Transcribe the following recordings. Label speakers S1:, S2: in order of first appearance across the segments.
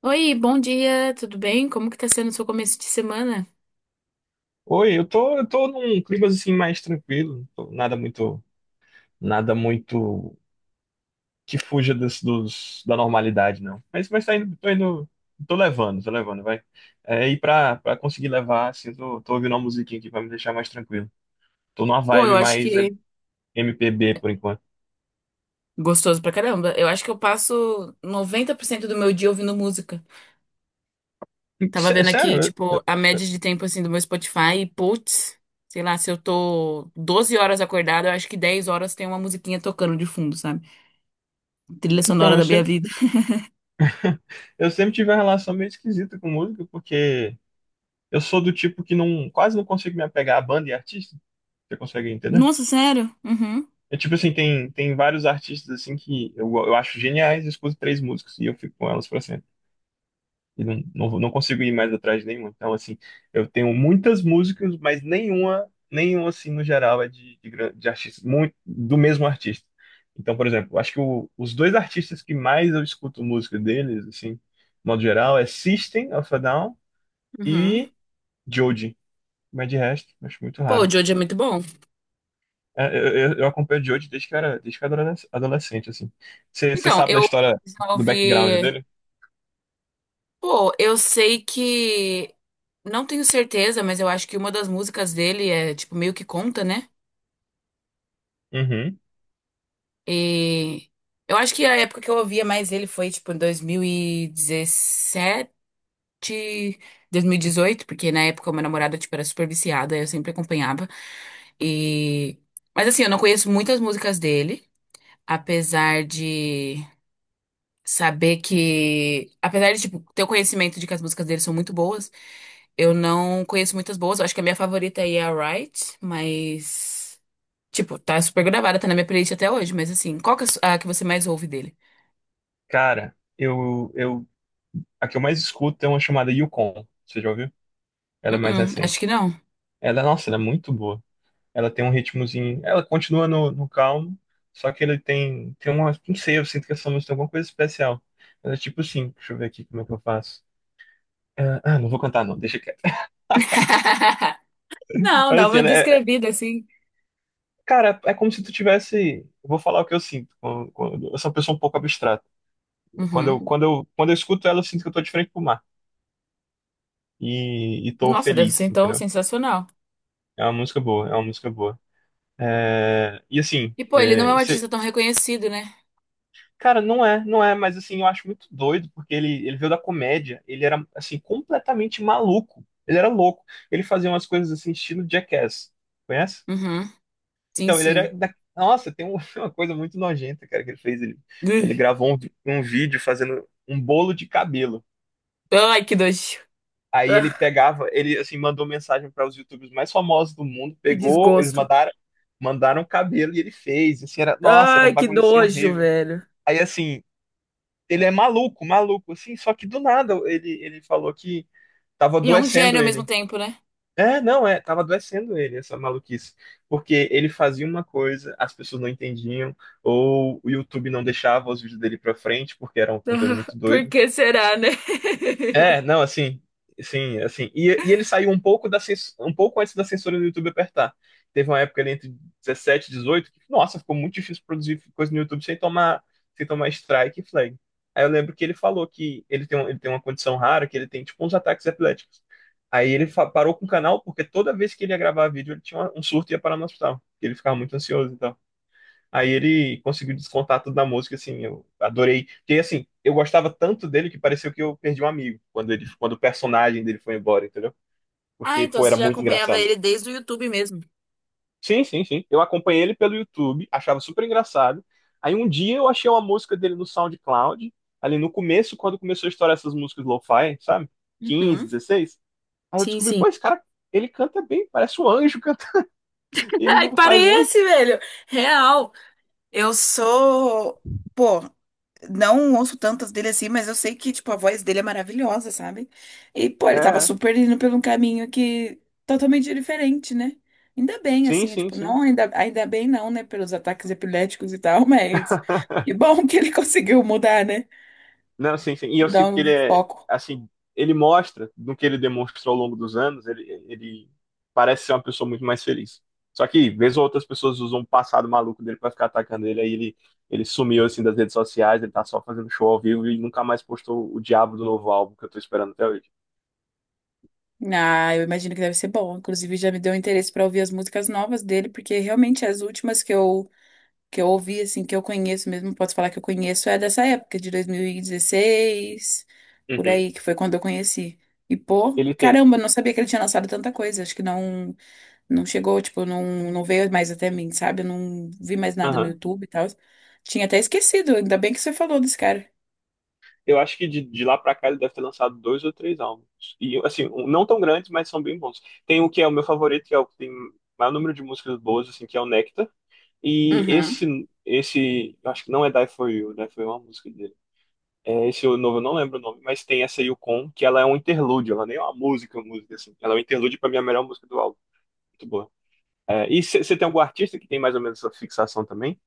S1: Oi, bom dia, tudo bem? Como que tá sendo o seu começo de semana?
S2: Oi, eu tô num clima assim mais tranquilo, nada muito, nada muito que fuja da normalidade, não. Mas tá indo, tô levando, vai. É, e pra conseguir levar, assim, tô ouvindo uma musiquinha aqui pra me deixar mais tranquilo. Tô numa
S1: Pô,
S2: vibe
S1: eu acho
S2: mais
S1: que
S2: MPB por enquanto.
S1: gostoso pra caramba. Eu acho que eu passo 90% do meu dia ouvindo música. Tava vendo aqui,
S2: Sério,
S1: tipo, a média de tempo assim do meu Spotify e putz, sei lá, se eu tô 12 horas acordada, eu acho que 10 horas tem uma musiquinha tocando de fundo, sabe? Trilha
S2: então,
S1: sonora
S2: eu
S1: da minha
S2: sempre,
S1: vida.
S2: eu sempre tive uma relação meio esquisita com música, porque eu sou do tipo que não, quase não consigo me apegar a banda e artista. Você consegue entender?
S1: Nossa, sério? Uhum.
S2: É tipo assim, tem vários artistas assim que eu acho geniais, eu escuto três músicas e eu fico com elas pra sempre. E não consigo ir mais atrás de nenhuma. Então, assim, eu tenho muitas músicas, mas nenhuma assim, no geral, é de artistas, muito, do mesmo artista. Então, por exemplo, eu acho que os dois artistas que mais eu escuto música deles, assim, de modo geral, é System of a Down
S1: Uhum.
S2: e Joji. Mas de resto, eu acho muito
S1: Pô, o
S2: raro.
S1: Jojo é muito bom.
S2: É, eu, eu acompanho o Jojo desde que eu era adolescente, assim. Você
S1: Então,
S2: sabe da
S1: eu
S2: história do background
S1: resolvi.
S2: dele?
S1: Pô, eu sei que. Não tenho certeza, mas eu acho que uma das músicas dele é, tipo, meio que conta, né?
S2: Uhum.
S1: E. Eu acho que a época que eu ouvia mais ele foi, tipo, em dois mil e dezessete 2018 porque na época o meu namorado, tipo, era super viciada, eu sempre acompanhava. E. Mas assim, eu não conheço muitas músicas dele, apesar de saber que. Apesar de, tipo, ter o conhecimento de que as músicas dele são muito boas. Eu não conheço muitas boas. Eu acho que a minha favorita aí é a Right, mas. Tipo, tá super gravada, tá na minha playlist até hoje, mas assim, qual que é a que você mais ouve dele?
S2: Cara, a que eu mais escuto é uma chamada Yukon. Você já ouviu? Ela é mais
S1: Uh-uh, acho que
S2: recente.
S1: não.
S2: Ela, nossa, ela é muito boa. Ela tem um ritmozinho. Ela continua no calmo, só que ele tem uma. Não sei, eu sinto que essa música tem alguma coisa especial. Ela é tipo assim, deixa eu ver aqui como é que eu faço. É, ah, não vou cantar, não, deixa quieto.
S1: Não,
S2: Mas
S1: dá
S2: assim,
S1: uma
S2: ela é,
S1: descrevida assim.
S2: cara, é como se tu tivesse. Eu vou falar o que eu sinto. Eu sou uma pessoa um pouco abstrata.
S1: Uhum.
S2: Quando eu escuto ela, eu sinto que eu tô de frente pro mar. E tô
S1: Nossa, deve ser
S2: feliz,
S1: então
S2: entendeu?
S1: sensacional.
S2: É uma música boa, é uma música boa. É, e assim,
S1: E pô, ele não é
S2: é,
S1: um
S2: isso- é,
S1: artista tão reconhecido, né?
S2: cara, não é, não é, mas assim, eu acho muito doido, porque ele veio da comédia, ele era, assim, completamente maluco. Ele era louco. Ele fazia umas coisas assim, estilo Jackass. Conhece?
S1: Uhum. Sim,
S2: Então, ele era.
S1: sim.
S2: Da... Nossa, uma coisa muito nojenta, cara, que ele fez. Ele,
S1: Ugh.
S2: ele gravou um, um vídeo fazendo um bolo de cabelo.
S1: Ai, que nojo.
S2: Aí ele
S1: Ah,
S2: pegava, ele assim mandou mensagem para os YouTubers mais famosos do mundo,
S1: que
S2: pegou, eles
S1: desgosto.
S2: mandaram, mandaram cabelo e ele fez. Assim, era, nossa, era um
S1: Ai, que
S2: bagulho assim
S1: nojo,
S2: horrível.
S1: velho.
S2: Aí assim, ele é maluco, maluco, assim, só que do nada ele falou que tava
S1: E é um
S2: adoecendo
S1: gênio ao mesmo
S2: ele.
S1: tempo, né?
S2: É, não, é, tava adoecendo ele, essa maluquice. Porque ele fazia uma coisa, as pessoas não entendiam, ou o YouTube não deixava os vídeos dele pra frente, porque era um conteúdo
S1: Ah,
S2: muito
S1: por
S2: doido.
S1: que será, né?
S2: É, não, assim, sim, assim. E ele saiu um pouco antes da censura do YouTube apertar. Teve uma época ali entre 17, e 18 que, nossa, ficou muito difícil produzir coisa no YouTube sem tomar, sem tomar strike e flag. Aí eu lembro que ele falou que ele tem uma condição rara, que ele tem tipo uns ataques epiléticos. Aí ele parou com o canal porque toda vez que ele ia gravar vídeo, ele um surto e ia parar no hospital. Ele ficava muito ansioso então. Aí ele conseguiu descontar tudo na música, assim, eu adorei. Porque, assim, eu gostava tanto dele que pareceu que eu perdi um amigo quando ele, quando o personagem dele foi embora, entendeu?
S1: Ah,
S2: Porque,
S1: então
S2: pô,
S1: você
S2: era
S1: já
S2: muito
S1: acompanhava
S2: engraçado.
S1: ele desde o YouTube mesmo.
S2: Sim, sim, sim. Eu acompanhei ele pelo YouTube, achava super engraçado. Aí um dia eu achei uma música dele no SoundCloud, ali no começo, quando começou a estourar essas músicas lo-fi, sabe? 15,
S1: Uhum.
S2: 16. Aí eu
S1: Sim,
S2: descobri,
S1: sim.
S2: pô, esse cara, ele canta bem, parece um anjo cantando. Ele
S1: Ai,
S2: não faz música.
S1: parece, velho. Real. Eu sou. Pô, não ouço tantas dele assim, mas eu sei que, tipo, a voz dele é maravilhosa, sabe? E, pô,
S2: É,
S1: ele tava
S2: é.
S1: super indo por um caminho que totalmente diferente, né? Ainda bem,
S2: Sim,
S1: assim,
S2: sim,
S1: tipo,
S2: sim.
S1: não, ainda bem não, né? Pelos ataques epiléticos e tal, mas que bom que ele conseguiu mudar, né?
S2: Não, sim, sim. E eu sinto
S1: Mudar
S2: que
S1: o
S2: ele é,
S1: foco.
S2: assim, ele mostra no que ele demonstrou ao longo dos anos, ele parece ser uma pessoa muito mais feliz. Só que, vez ou outra, as pessoas usam o passado maluco dele pra ficar atacando ele, aí ele sumiu, assim, das redes sociais, ele tá só fazendo show ao vivo e nunca mais postou o diabo do novo álbum que eu tô esperando até hoje.
S1: Ah, eu imagino que deve ser bom. Inclusive, já me deu interesse para ouvir as músicas novas dele, porque realmente as últimas que eu ouvi, assim, que eu conheço mesmo, posso falar que eu conheço, é dessa época, de 2016, por
S2: Uhum.
S1: aí, que foi quando eu conheci. E, pô,
S2: Ele tem.
S1: caramba, eu não sabia que ele tinha lançado tanta coisa. Acho que não, não chegou, tipo, não, não veio mais até mim, sabe? Eu não vi mais nada no
S2: Aham.
S1: YouTube e tal. Tinha até esquecido, ainda bem que você falou desse cara.
S2: Eu acho que de lá pra cá ele deve ter lançado dois ou três álbuns. E, assim, não tão grandes, mas são bem bons. Tem o que é o meu favorito, que é o que tem maior número de músicas boas, assim, que é o Nectar. E
S1: Uhum.
S2: eu acho que não é Die For You, Die For You é uma música dele. É, esse novo eu não lembro o nome, mas tem essa Yukon, que ela é um interlúdio, ela nem é uma música, música assim. Ela é um interlúdio pra mim, a melhor música do álbum. Muito boa. É, e você tem algum artista que tem mais ou menos essa fixação também?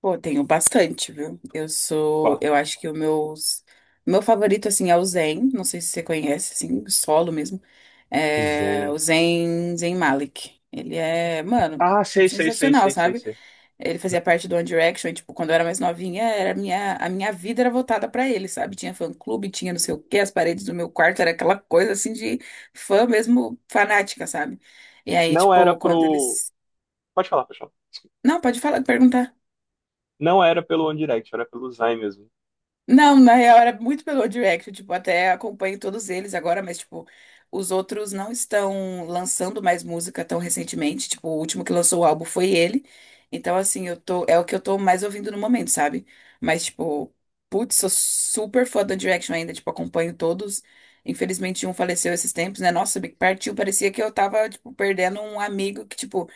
S1: Pô, tenho bastante, viu? Eu sou,
S2: Qual?
S1: eu acho que o meu favorito, assim, é o Zen, não sei se você conhece, assim, solo mesmo, é o
S2: Zen.
S1: Zen Malik. Ele é, mano,
S2: Ah, sei, sei, sei,
S1: sensacional,
S2: sei, sei,
S1: sabe?
S2: sei.
S1: Ele fazia parte do One Direction, e, tipo, quando eu era mais novinha, a minha vida era voltada pra ele, sabe? Tinha fã-clube, tinha não sei o quê, as paredes do meu quarto, era aquela coisa, assim, de fã mesmo fanática, sabe? E aí,
S2: Não era
S1: tipo, quando
S2: pro.
S1: eles...
S2: Pode falar, pessoal.
S1: Não, pode falar, perguntar.
S2: Não era pelo One Direct, era pelo Zayn mesmo.
S1: Não, na real era muito pelo Direct, tipo, até acompanho todos eles agora, mas tipo, os outros não estão lançando mais música tão recentemente, tipo, o último que lançou o álbum foi ele. Então assim, eu tô, é o que eu tô mais ouvindo no momento, sabe? Mas tipo, putz, sou super fã do Direction ainda, tipo, acompanho todos. Infelizmente um faleceu esses tempos, né? Nossa, me partiu, parecia que eu tava tipo perdendo um amigo que tipo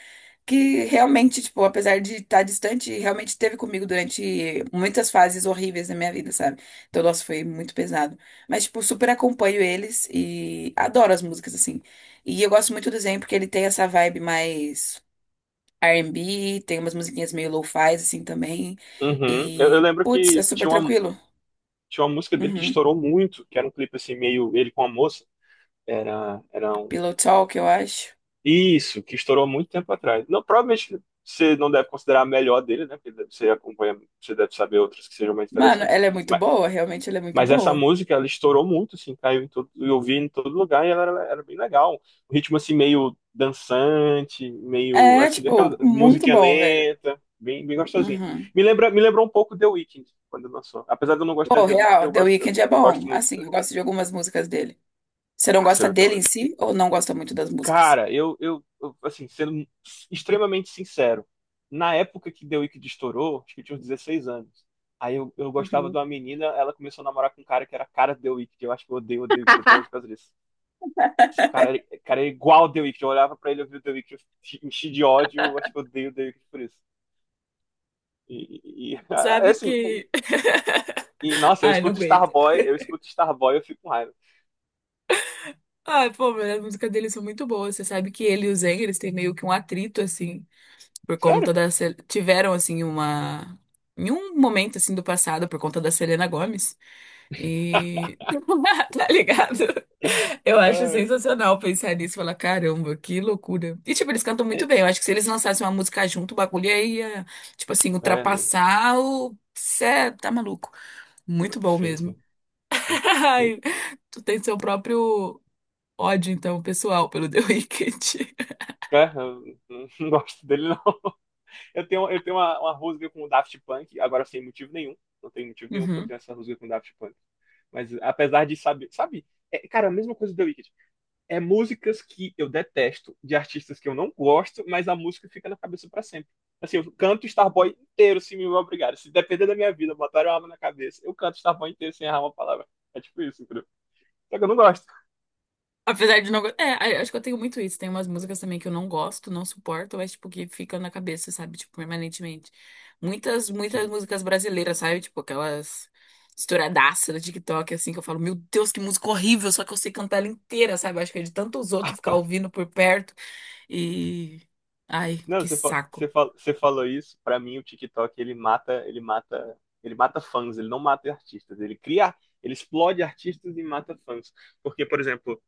S1: que realmente, tipo, apesar de estar distante, realmente esteve comigo durante muitas fases horríveis da minha vida, sabe? Então, nossa, foi muito pesado. Mas, tipo, super acompanho eles e adoro as músicas, assim. E eu gosto muito do Zen porque ele tem essa vibe mais R&B, tem umas musiquinhas meio lo-fi, assim, também.
S2: Uhum. Eu
S1: E,
S2: lembro
S1: putz, é
S2: que
S1: super tranquilo.
S2: tinha uma música dele que
S1: Uhum.
S2: estourou muito, que era um clipe assim, meio ele com a moça. Era um
S1: Pillow Talk, eu acho.
S2: isso, que estourou muito tempo atrás. Não, provavelmente você não deve considerar a melhor dele, né? Porque você acompanha, você deve saber outras que sejam mais
S1: Mano,
S2: interessantes.
S1: ela é muito
S2: Mas,
S1: boa, realmente ela é muito
S2: mas essa
S1: boa.
S2: música, ela estourou muito, assim, caiu em todo, eu vi em todo lugar e era bem legal. O ritmo, assim, meio dançante, meio,
S1: É,
S2: assim,
S1: tipo,
S2: daquela
S1: muito
S2: musiquinha
S1: bom, velho.
S2: lenta, bem, bem gostosinha.
S1: Uhum.
S2: Me lembrou um pouco The Weeknd, quando lançou. Apesar de eu não gostar
S1: Pô,
S2: de The Weeknd,
S1: real, The Weeknd é bom.
S2: gosto muito.
S1: Assim, eu gosto de algumas músicas dele. Você não
S2: Nossa,
S1: gosta
S2: eu tenho,
S1: dele em si ou não gosta muito das músicas?
S2: cara, assim, sendo extremamente sincero, na época que The Wicked estourou, acho que eu tinha uns 16 anos. Aí eu gostava de
S1: Uhum.
S2: uma menina, ela começou a namorar com um cara que era a cara de The Wicked. Eu acho que eu odeio o The Wicked até hoje por causa disso. O cara é igual ao The Wicked. Eu olhava pra ele, eu vi o The Wicked, eu enchi de ódio. Eu acho que eu odeio o The Wicked por isso. E, e- e- é
S1: Sabe
S2: assim, e,
S1: que.
S2: nossa, eu
S1: Ai, não
S2: escuto
S1: aguento.
S2: Starboy, eu escuto Starboy, eu fico com raiva.
S1: Ai, pô, mas as músicas deles são muito boas. Você sabe que ele e o Zayn, eles têm meio que um atrito, assim, por
S2: Sério?
S1: conta da. Tiveram, assim, uma. Em um momento, assim, do passado, por conta da Selena Gomez. E. Tá ligado? Eu acho
S2: Ai,
S1: sensacional pensar nisso e falar, caramba, que loucura. E, tipo, eles cantam muito
S2: é,
S1: bem. Eu acho que se eles lançassem uma música junto, o bagulho ia, tipo assim,
S2: é, né?
S1: ultrapassar o. Cê é, tá maluco. Muito bom
S2: Sim,
S1: mesmo.
S2: sim, sim.
S1: Ai, tu tem seu próprio ódio, então, pessoal, pelo The Wicked.
S2: É, eu não, não gosto dele, não. Eu tenho uma rusga com o Daft Punk, agora sem motivo nenhum. Não tem motivo nenhum pra eu ter
S1: Uhum.
S2: essa rusga com o Daft Punk. Mas apesar de saber, sabe? É, cara, a mesma coisa do The Wicked. É músicas que eu detesto, de artistas que eu não gosto, mas a música fica na cabeça pra sempre. Assim, eu canto Starboy inteiro se me obrigar. Se depender da minha vida, botar uma arma na cabeça, eu canto Starboy inteiro sem errar uma palavra. É tipo isso, entendeu? Só que eu não gosto.
S1: Apesar de não gostar. É, acho que eu tenho muito isso. Tem umas músicas também que eu não gosto, não suporto, mas, tipo, que ficam na cabeça, sabe? Tipo, permanentemente. Muitas, muitas músicas brasileiras, sabe? Tipo, aquelas estouradaças do TikTok, assim, que eu falo, meu Deus, que música horrível, só que eu sei cantar ela inteira, sabe? Acho que é de tantos outros ficar ouvindo por perto e. Ai,
S2: Não,
S1: que saco.
S2: você falou isso. Pra mim, o TikTok ele mata, ele mata, ele mata fãs. Ele não mata artistas. Ele cria, ele explode artistas e mata fãs. Porque, por exemplo,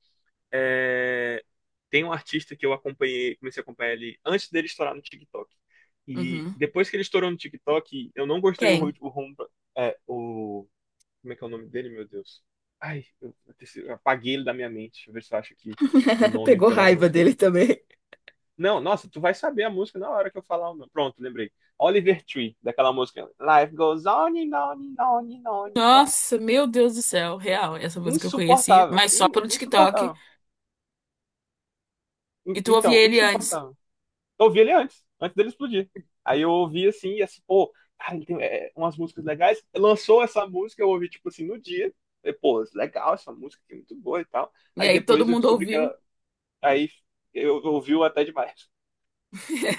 S2: é, tem um artista que eu acompanhei, comecei a acompanhar ele antes dele estourar no TikTok. E
S1: Uhum.
S2: depois que ele estourou no TikTok, eu não gostei o,
S1: Quem?
S2: ru- o, rum- é, o como é que é o nome dele, meu Deus? Ai, eu, eu apaguei ele da minha mente. Deixa eu ver se eu acho aqui o nome
S1: Pegou
S2: pela
S1: raiva
S2: música.
S1: dele também.
S2: Não, nossa, tu vai saber a música na hora que eu falar o nome. Pronto, lembrei. Oliver Tree, daquela música. Life goes on and on and on and on and on.
S1: Nossa, meu Deus do céu, real. Essa música eu conheci,
S2: Insuportável.
S1: mas só pelo TikTok.
S2: Insuportável.
S1: E tu ouvia
S2: Então,
S1: ele antes.
S2: insuportável. Eu ouvi ele antes, antes dele explodir. Aí eu ouvi assim, e assim, pô, cara, ele tem é, umas músicas legais. Lançou essa música, eu ouvi, tipo assim, no dia. Falei, pô, legal, essa música aqui é muito boa e tal.
S1: E
S2: Aí
S1: aí todo
S2: depois eu
S1: mundo
S2: descobri que ela.
S1: ouviu.
S2: Aí eu ouvi o até demais.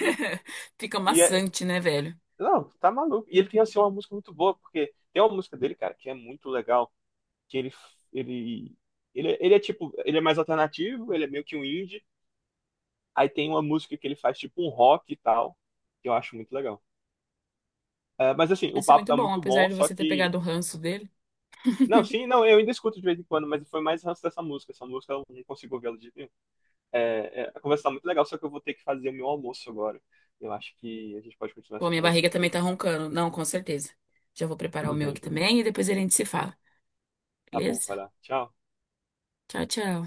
S2: E,
S1: Fica
S2: e é-
S1: maçante, né, velho?
S2: Não, tu tá maluco. E ele tem, assim, uma música muito boa, porque tem uma música dele, cara, que é muito legal, que ele, ele é tipo, ele é mais alternativo, ele é meio que um indie, aí tem uma música que ele faz tipo um rock e tal, que eu acho muito legal. É, mas assim, o
S1: Deve ser
S2: papo
S1: muito
S2: tá
S1: bom,
S2: muito
S1: apesar
S2: bom,
S1: de
S2: só
S1: você ter
S2: que...
S1: pegado o ranço dele.
S2: Não, sim, não, eu ainda escuto de vez em quando, mas foi mais ranço dessa música, essa música eu não consigo ouvi-la de nenhum. É, é, a conversa tá muito legal, só que eu vou ter que fazer o meu almoço agora. Eu acho que a gente pode continuar
S1: Pô,
S2: essa
S1: minha
S2: conversa
S1: barriga também tá
S2: depois.
S1: roncando. Não, com certeza. Já vou preparar o
S2: Tudo
S1: meu
S2: bem,
S1: aqui
S2: tudo bem.
S1: também e depois a gente se fala.
S2: Tá bom,
S1: Beleza?
S2: vai lá. Tchau.
S1: Tchau, tchau.